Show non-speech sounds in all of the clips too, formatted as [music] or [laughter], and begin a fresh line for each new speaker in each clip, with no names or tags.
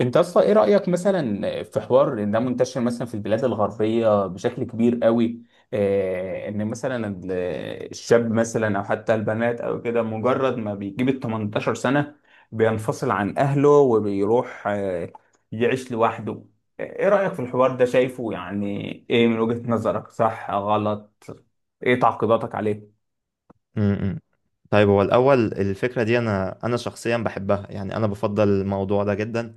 انت اصلا ايه رأيك مثلا في حوار ان ده منتشر مثلا في البلاد الغربية بشكل كبير قوي، ان مثلا الشاب مثلا او حتى البنات او كده مجرد ما بيجيب ال 18 سنة بينفصل عن اهله وبيروح، يعيش لوحده. ايه رأيك في الحوار ده؟ شايفه يعني ايه من وجهة نظرك، صح غلط؟ ايه تعقيباتك عليه؟
امم امم. طيب، هو الأول الفكرة دي أنا شخصيا بحبها، يعني أنا بفضل الموضوع ده جدا.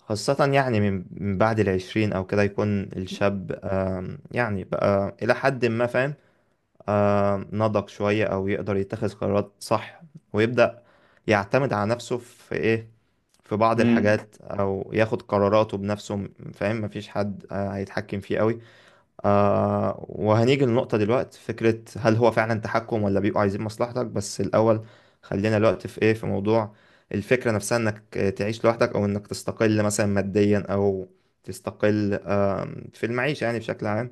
خاصة يعني من بعد العشرين أو كده، يكون الشاب يعني بقى إلى حد ما فاهم، نضج شوية أو يقدر يتخذ قرارات صح. ويبدأ يعتمد على نفسه في بعض
امم.
الحاجات، أو ياخد قراراته بنفسه. فاهم؟ مفيش حد هيتحكم فيه قوي. وهنيجي للنقطة دلوقتي، فكرة هل هو فعلا تحكم ولا بيبقوا عايزين مصلحتك بس؟ الأول خلينا الوقت في موضوع الفكرة نفسها، إنك تعيش لوحدك أو إنك تستقل مثلا ماديا أو تستقل في المعيشة يعني بشكل عام.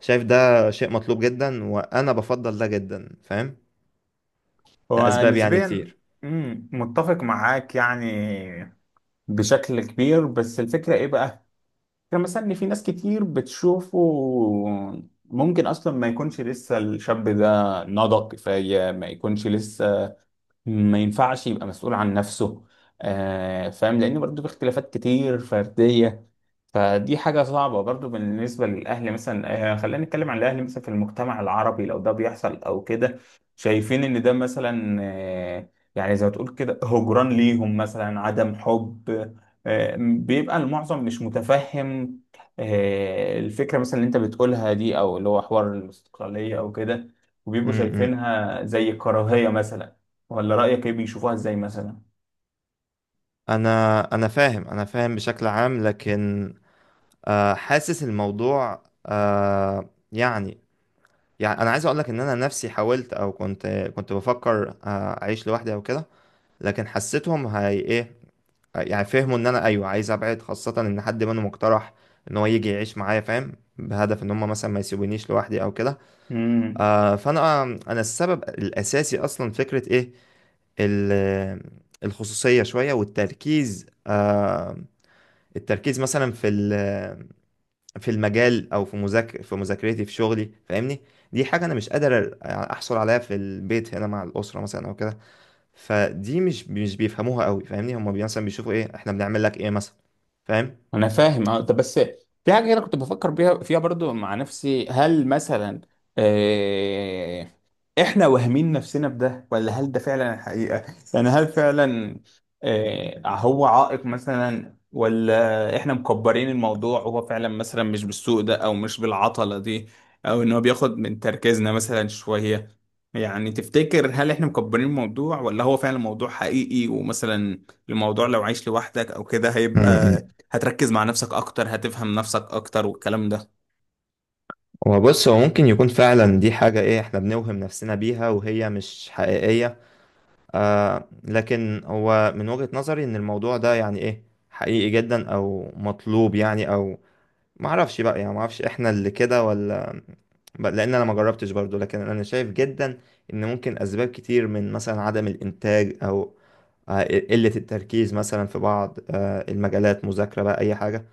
شايف ده شيء مطلوب جدا وأنا بفضل ده جدا، فاهم، لأسباب يعني
ونسبيا.
كتير.
متفق معاك يعني بشكل كبير. بس الفكرة ايه بقى؟ يعني مثلا ان في ناس كتير بتشوفه ممكن اصلا ما يكونش لسه الشاب ده نضج كفاية، ما يكونش لسه ما ينفعش يبقى مسؤول عن نفسه. فاهم، لان برضه في اختلافات كتير فردية. فدي حاجة صعبة برضو بالنسبة للأهل مثلا، خلينا نتكلم عن الأهل مثلا في المجتمع العربي، لو ده بيحصل أو كده شايفين إن ده مثلا، يعني زي ما تقول كده هجران ليهم، مثلا عدم حب. بيبقى المعظم مش متفهم الفكرة مثلا اللي أنت بتقولها دي، أو اللي هو حوار الاستقلالية أو كده،
م
وبيبقوا
-م.
شايفينها زي كراهية مثلا. ولا رأيك إيه، بيشوفوها إزاي مثلا؟
أنا فاهم، أنا فاهم بشكل عام، لكن حاسس الموضوع يعني انا عايز اقول لك ان انا نفسي حاولت او كنت بفكر اعيش لوحدي او كده. لكن حسيتهم هي ايه، يعني فهموا ان انا ايوه عايز ابعد، خاصة ان حد منهم اقترح ان هو يجي يعيش معايا، فاهم، بهدف ان هم مثلا ما يسيبونيش لوحدي او كده. فانا السبب الاساسي اصلا فكرة ايه، ال- الخصوصية شوية، والتركيز التركيز مثلا في المجال، او في مذاكرتي، في شغلي. فاهمني؟ دي حاجه انا مش قادر احصل عليها في البيت هنا مع الاسره مثلا او كده. فدي مش بيفهموها قوي، فاهمني؟ هم مثلا بيشوفوا ايه، احنا بنعمل لك ايه مثلا. فاهم؟
انا فاهم اه. طب بس في حاجه انا كنت بفكر بيها فيها برضو مع نفسي، هل مثلا، آه احنا واهمين نفسنا بده، ولا هل ده فعلا الحقيقه؟ يعني هل فعلا، هو عائق مثلا، ولا احنا مكبرين الموضوع وهو فعلا مثلا مش بالسوء ده او مش بالعطله دي، او ان هو بياخد من تركيزنا مثلا شويه؟ يعني تفتكر، هل احنا مكبرين الموضوع ولا هو فعلا موضوع حقيقي، ومثلا الموضوع لو عايش لوحدك او كده، هيبقى
امم
هتركز مع نفسك اكتر، هتفهم نفسك اكتر والكلام ده؟
هو بص، هو ممكن يكون فعلا دي حاجة ايه، احنا بنوهم نفسنا بيها وهي مش حقيقية. لكن هو من وجهة نظري ان الموضوع ده يعني ايه، حقيقي جدا او مطلوب يعني، او ما اعرفش بقى، يعني ما اعرفش احنا اللي كده، ولا لان انا ما جربتش برضو. لكن انا شايف جدا ان ممكن اسباب كتير، من مثلا عدم الانتاج، او قلة التركيز مثلا في بعض المجالات، مذاكرة بقى اي حاجة.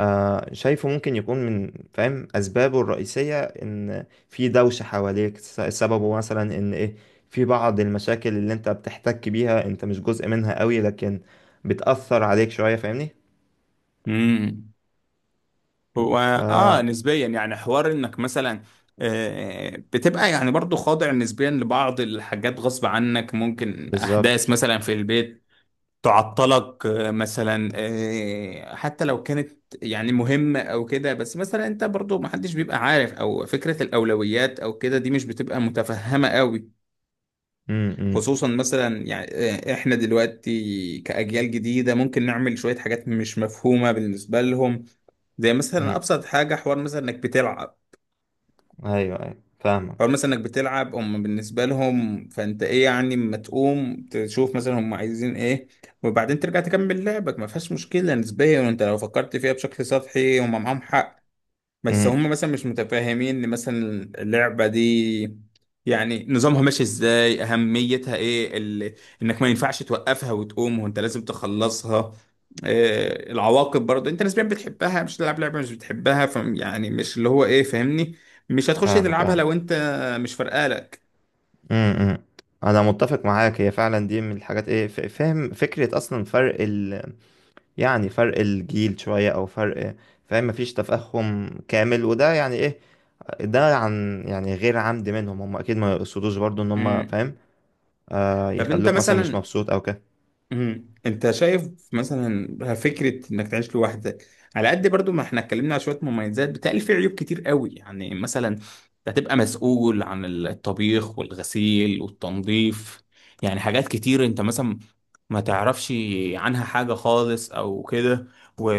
شايفه ممكن يكون من، فاهم، اسبابه الرئيسية ان في دوشة حواليك. سببه مثلا ان ايه، في بعض المشاكل اللي انت بتحتك بيها، انت مش جزء منها قوي، لكن بتأثر عليك شوية. فاهمني؟
امم. هو
ف
اه نسبيا، يعني حوار انك مثلا، بتبقى يعني برضو خاضع نسبيا لبعض الحاجات غصب عنك. ممكن
بالظبط.
احداث مثلا في البيت تعطلك، مثلا، حتى لو كانت يعني مهمة او كده. بس مثلا انت برضو محدش بيبقى عارف، او فكرة الاولويات او كده دي مش بتبقى متفهمة قوي،
م- م-
خصوصا مثلا يعني، احنا دلوقتي كأجيال جديدة ممكن نعمل شوية حاجات مش مفهومة بالنسبة لهم. زي مثلا
م.
أبسط حاجة، حوار مثلا إنك بتلعب.
ايوه، ايوه، فاهمك.
حوار مثلا إنك بتلعب، هم بالنسبة لهم فأنت إيه يعني أما تقوم تشوف مثلا هم عايزين إيه، وبعدين ترجع تكمل لعبك، ما فيهاش مشكلة نسبيا. وأنت لو فكرت فيها بشكل سطحي هم معاهم حق. بس
امم
هم مثلا مش متفاهمين ان مثلا اللعبة دي يعني نظامها ماشي ازاي، اهميتها ايه، انك ما ينفعش توقفها وتقوم وانت لازم تخلصها. العواقب برضه، انت نسبيا بتحبها، مش تلعب لعبة مش بتحبها، يعني مش اللي هو ايه، فاهمني؟ مش هتخش
فاهمك،
تلعبها
ايوه.
لو انت مش فارقالك.
امم، إمم. انا متفق معاك، هي فعلا دي من الحاجات ايه، فاهم فكرة اصلا فرق يعني فرق الجيل شوية او فرق، فاهم، مفيش تفاهم كامل. وده يعني ايه، ده عن يعني غير عمد منهم، هم اكيد ما يقصدوش برضو ان هم،
امم.
فاهم،
طب انت
يخلوك مثلا مش
مثلا
مبسوط او كده.
انت شايف مثلا فكره انك تعيش لوحدك، على قد برضو ما احنا اتكلمنا على شويه مميزات، بتقل في عيوب كتير قوي. يعني مثلا انت هتبقى مسؤول عن الطبيخ والغسيل والتنظيف. يعني حاجات كتير انت مثلا ما تعرفش عنها حاجه خالص او كده و...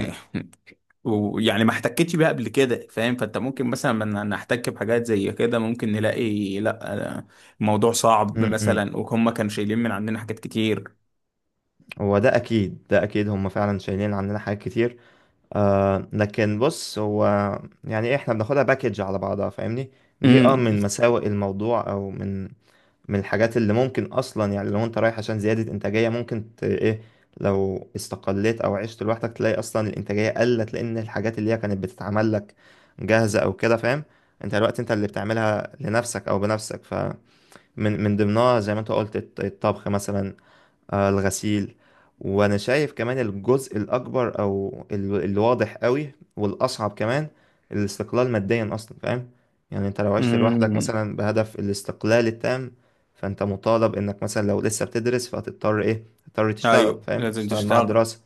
أمم،
[laughs] ويعني ما احتكتش بيها قبل كده، فاهم؟ فانت ممكن مثلا لما نحتك بحاجات زي كده، ممكن نلاقي لا، الموضوع صعب
أمم، أمم.
مثلا، وهم كانوا شايلين من عندنا حاجات كتير.
هو ده اكيد، ده اكيد هم فعلا شايلين عننا حاجات كتير. لكن بص، هو يعني احنا بناخدها باكج على بعضها. فاهمني؟ دي
امم
من مساوئ الموضوع، او من الحاجات اللي ممكن اصلا، يعني لو انت رايح عشان زيادة انتاجية، ممكن ت... ايه لو استقليت او عشت لوحدك، تلاقي اصلا الانتاجية قلت، لان الحاجات اللي هي كانت بتتعمل لك جاهزة او كده، فاهم. انت الوقت انت اللي بتعملها لنفسك او بنفسك، فمن ضمنها زي ما انت قلت، الطبخ مثلا، الغسيل. وانا شايف كمان الجزء الاكبر، او الواضح قوي والاصعب كمان، الاستقلال ماديا اصلا، فاهم. يعني انت لو عشت لوحدك
امم.
مثلا بهدف الاستقلال التام، فانت مطالب انك مثلا لو لسه بتدرس، فهتضطر ايه، تضطر تشتغل،
ايوه
فاهم،
لازم
تشتغل مع
تشتغل.
الدراسة.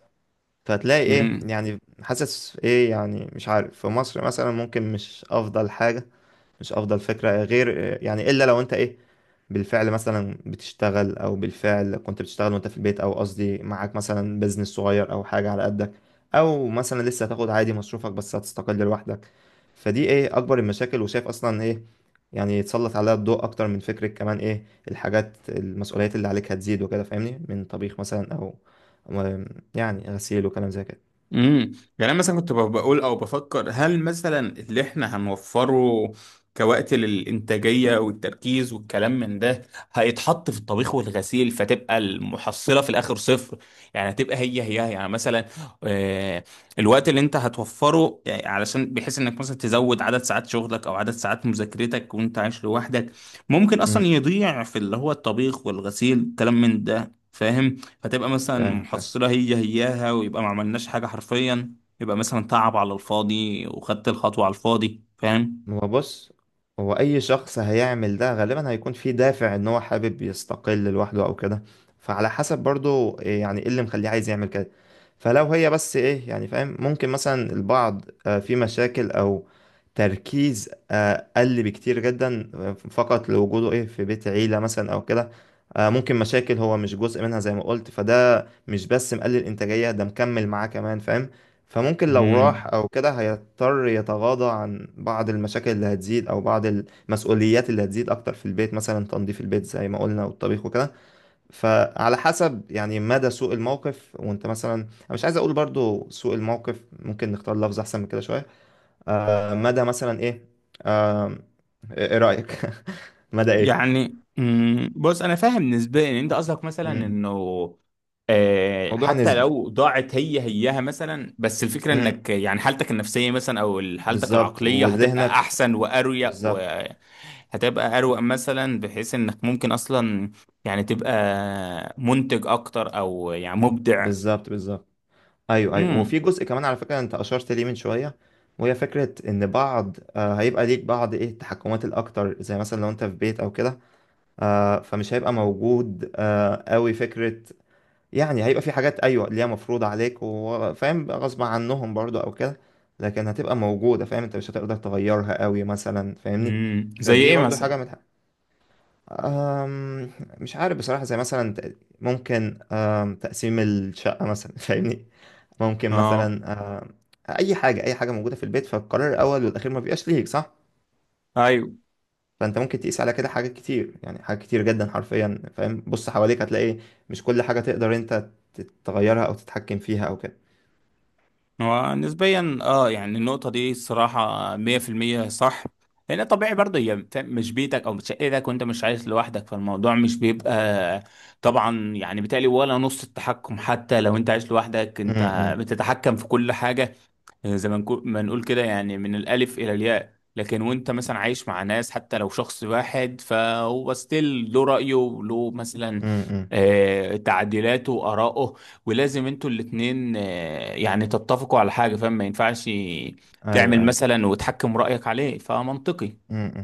فهتلاقي ايه،
امم
يعني حاسس ايه، يعني مش عارف، في مصر مثلا ممكن مش افضل حاجة، مش افضل فكرة، غير يعني الا لو انت ايه، بالفعل مثلا بتشتغل، او بالفعل كنت بتشتغل وانت في البيت، او قصدي معاك مثلا بيزنس صغير او حاجة على قدك، او مثلا لسه هتاخد عادي مصروفك بس هتستقل لوحدك. فدي ايه اكبر المشاكل، وشايف اصلا ايه يعني يتسلط عليها الضوء اكتر من فكرة كمان ايه، الحاجات، المسؤوليات اللي عليك هتزيد وكده، فاهمني، من طبيخ مثلا، او و- يعني غسيل وكلام زي كده.
امم. يعني انا مثلا كنت بقول او بفكر، هل مثلا اللي احنا هنوفره كوقت للانتاجيه والتركيز والكلام من ده هيتحط في الطبيخ والغسيل، فتبقى المحصله في الاخر صفر؟ يعني هتبقى هي هي، يعني مثلا، آه، الوقت اللي انت هتوفره يعني علشان بحيث انك مثلا تزود عدد ساعات شغلك او عدد ساعات مذاكرتك وانت عايش لوحدك، ممكن اصلا
امم
يضيع في اللي هو الطبيخ والغسيل الكلام من ده، فاهم؟ فتبقى مثلا
فاهم، فاهم.
محصلة هي هياها، ويبقى ما عملناش حاجة حرفيا. يبقى مثلا تعب على الفاضي، وخدت الخطوة على الفاضي، فاهم؟
هو بص، هو اي شخص هيعمل ده غالبا هيكون فيه دافع ان هو حابب يستقل لوحده او كده. فعلى حسب برضو إيه، يعني ايه اللي مخليه عايز يعمل كده. فلو هي بس ايه، يعني فاهم، ممكن مثلا البعض في مشاكل او تركيز قل بكتير جدا فقط لوجوده ايه في بيت عيلة مثلا او كده. ممكن مشاكل هو مش جزء منها زي ما قلت، فده مش بس مقلل انتاجية، ده مكمل معاه كمان، فاهم. فممكن لو راح
مم.
او كده، هيضطر يتغاضى عن بعض المشاكل اللي هتزيد، او بعض المسؤوليات اللي هتزيد اكتر في البيت، مثلا تنظيف البيت زي ما قلنا، والطبيخ وكده. فعلى حسب يعني مدى سوء الموقف. وانت مثلا، انا مش عايز اقول برضو سوء الموقف، ممكن نختار لفظ احسن من كده شوية. مدى مثلا ايه، آم، ايه رأيك؟ [laughs] مدى ايه؟
يعني بص أنا فاهم نسبيا إن أنت قصدك مثلا
مم.
إنه،
موضوع
حتى
نسبي.
لو ضاعت هي هياها مثلا، بس الفكرة
امم.
انك يعني حالتك النفسية مثلا او حالتك
بالظبط،
العقلية هتبقى
وذهنك.
احسن واريق،
بالظبط.
وهتبقى اروق مثلا، بحيث انك ممكن اصلا يعني تبقى منتج اكتر، او يعني مبدع.
بالظبط. بالظبط. ايوه، ايوه، وفي
امم.
جزء كمان على فكره انت اشرت ليه من شويه، وهي فكره ان بعض هيبقى ليك بعض ايه التحكمات الاكتر، زي مثلا لو انت في بيت او كده. فمش هيبقى موجود قوي فكره. يعني هيبقى في حاجات، ايوه، اللي هي مفروض عليك، وفاهم بقى غصب عنهم برضو او كده، لكن هتبقى موجوده، فاهم، انت مش هتقدر تغيرها قوي مثلا، فاهمني.
امم، زي
فدي
ايه
برضو
مثلا؟
حاجه من آم، مش عارف بصراحه، زي مثلا ت- ممكن آم، تقسيم الشقه مثلا. [laughs] فاهمني؟ ممكن
اه
مثلا اي حاجه، اي حاجه موجوده في البيت، فالقرار الاول والاخير ما بيبقاش ليك. صح؟
ايوه.
فانت ممكن تقيس على كده حاجات كتير، يعني حاجات كتير جدا حرفيا، فاهم. بص حواليك، هتلاقي مش كل حاجه تقدر انت تغيرها او تتحكم فيها او كده.
هو نسبيا يعني النقطه دي الصراحه 100% صح. لان طبيعي برضه هي مش بيتك او مش شقتك وانت مش عايش لوحدك، فالموضوع مش بيبقى طبعا. يعني بالتالي ولا نص التحكم حتى لو انت عايش لوحدك
امم،
انت
امم،
بتتحكم في كل حاجه، زي ما ما نقول كده، يعني من الألف إلى الياء. لكن وانت مثلا عايش مع ناس حتى لو شخص واحد، فهو ستيل له رأيه وله مثلا،
امم،
تعديلاته وآراءه. ولازم انتوا الاتنين، يعني تتفقوا على حاجة، فاهم؟ ما ينفعش تعمل
ايوه،
مثلا وتحكم رأيك عليه، فمنطقي.
ايوه.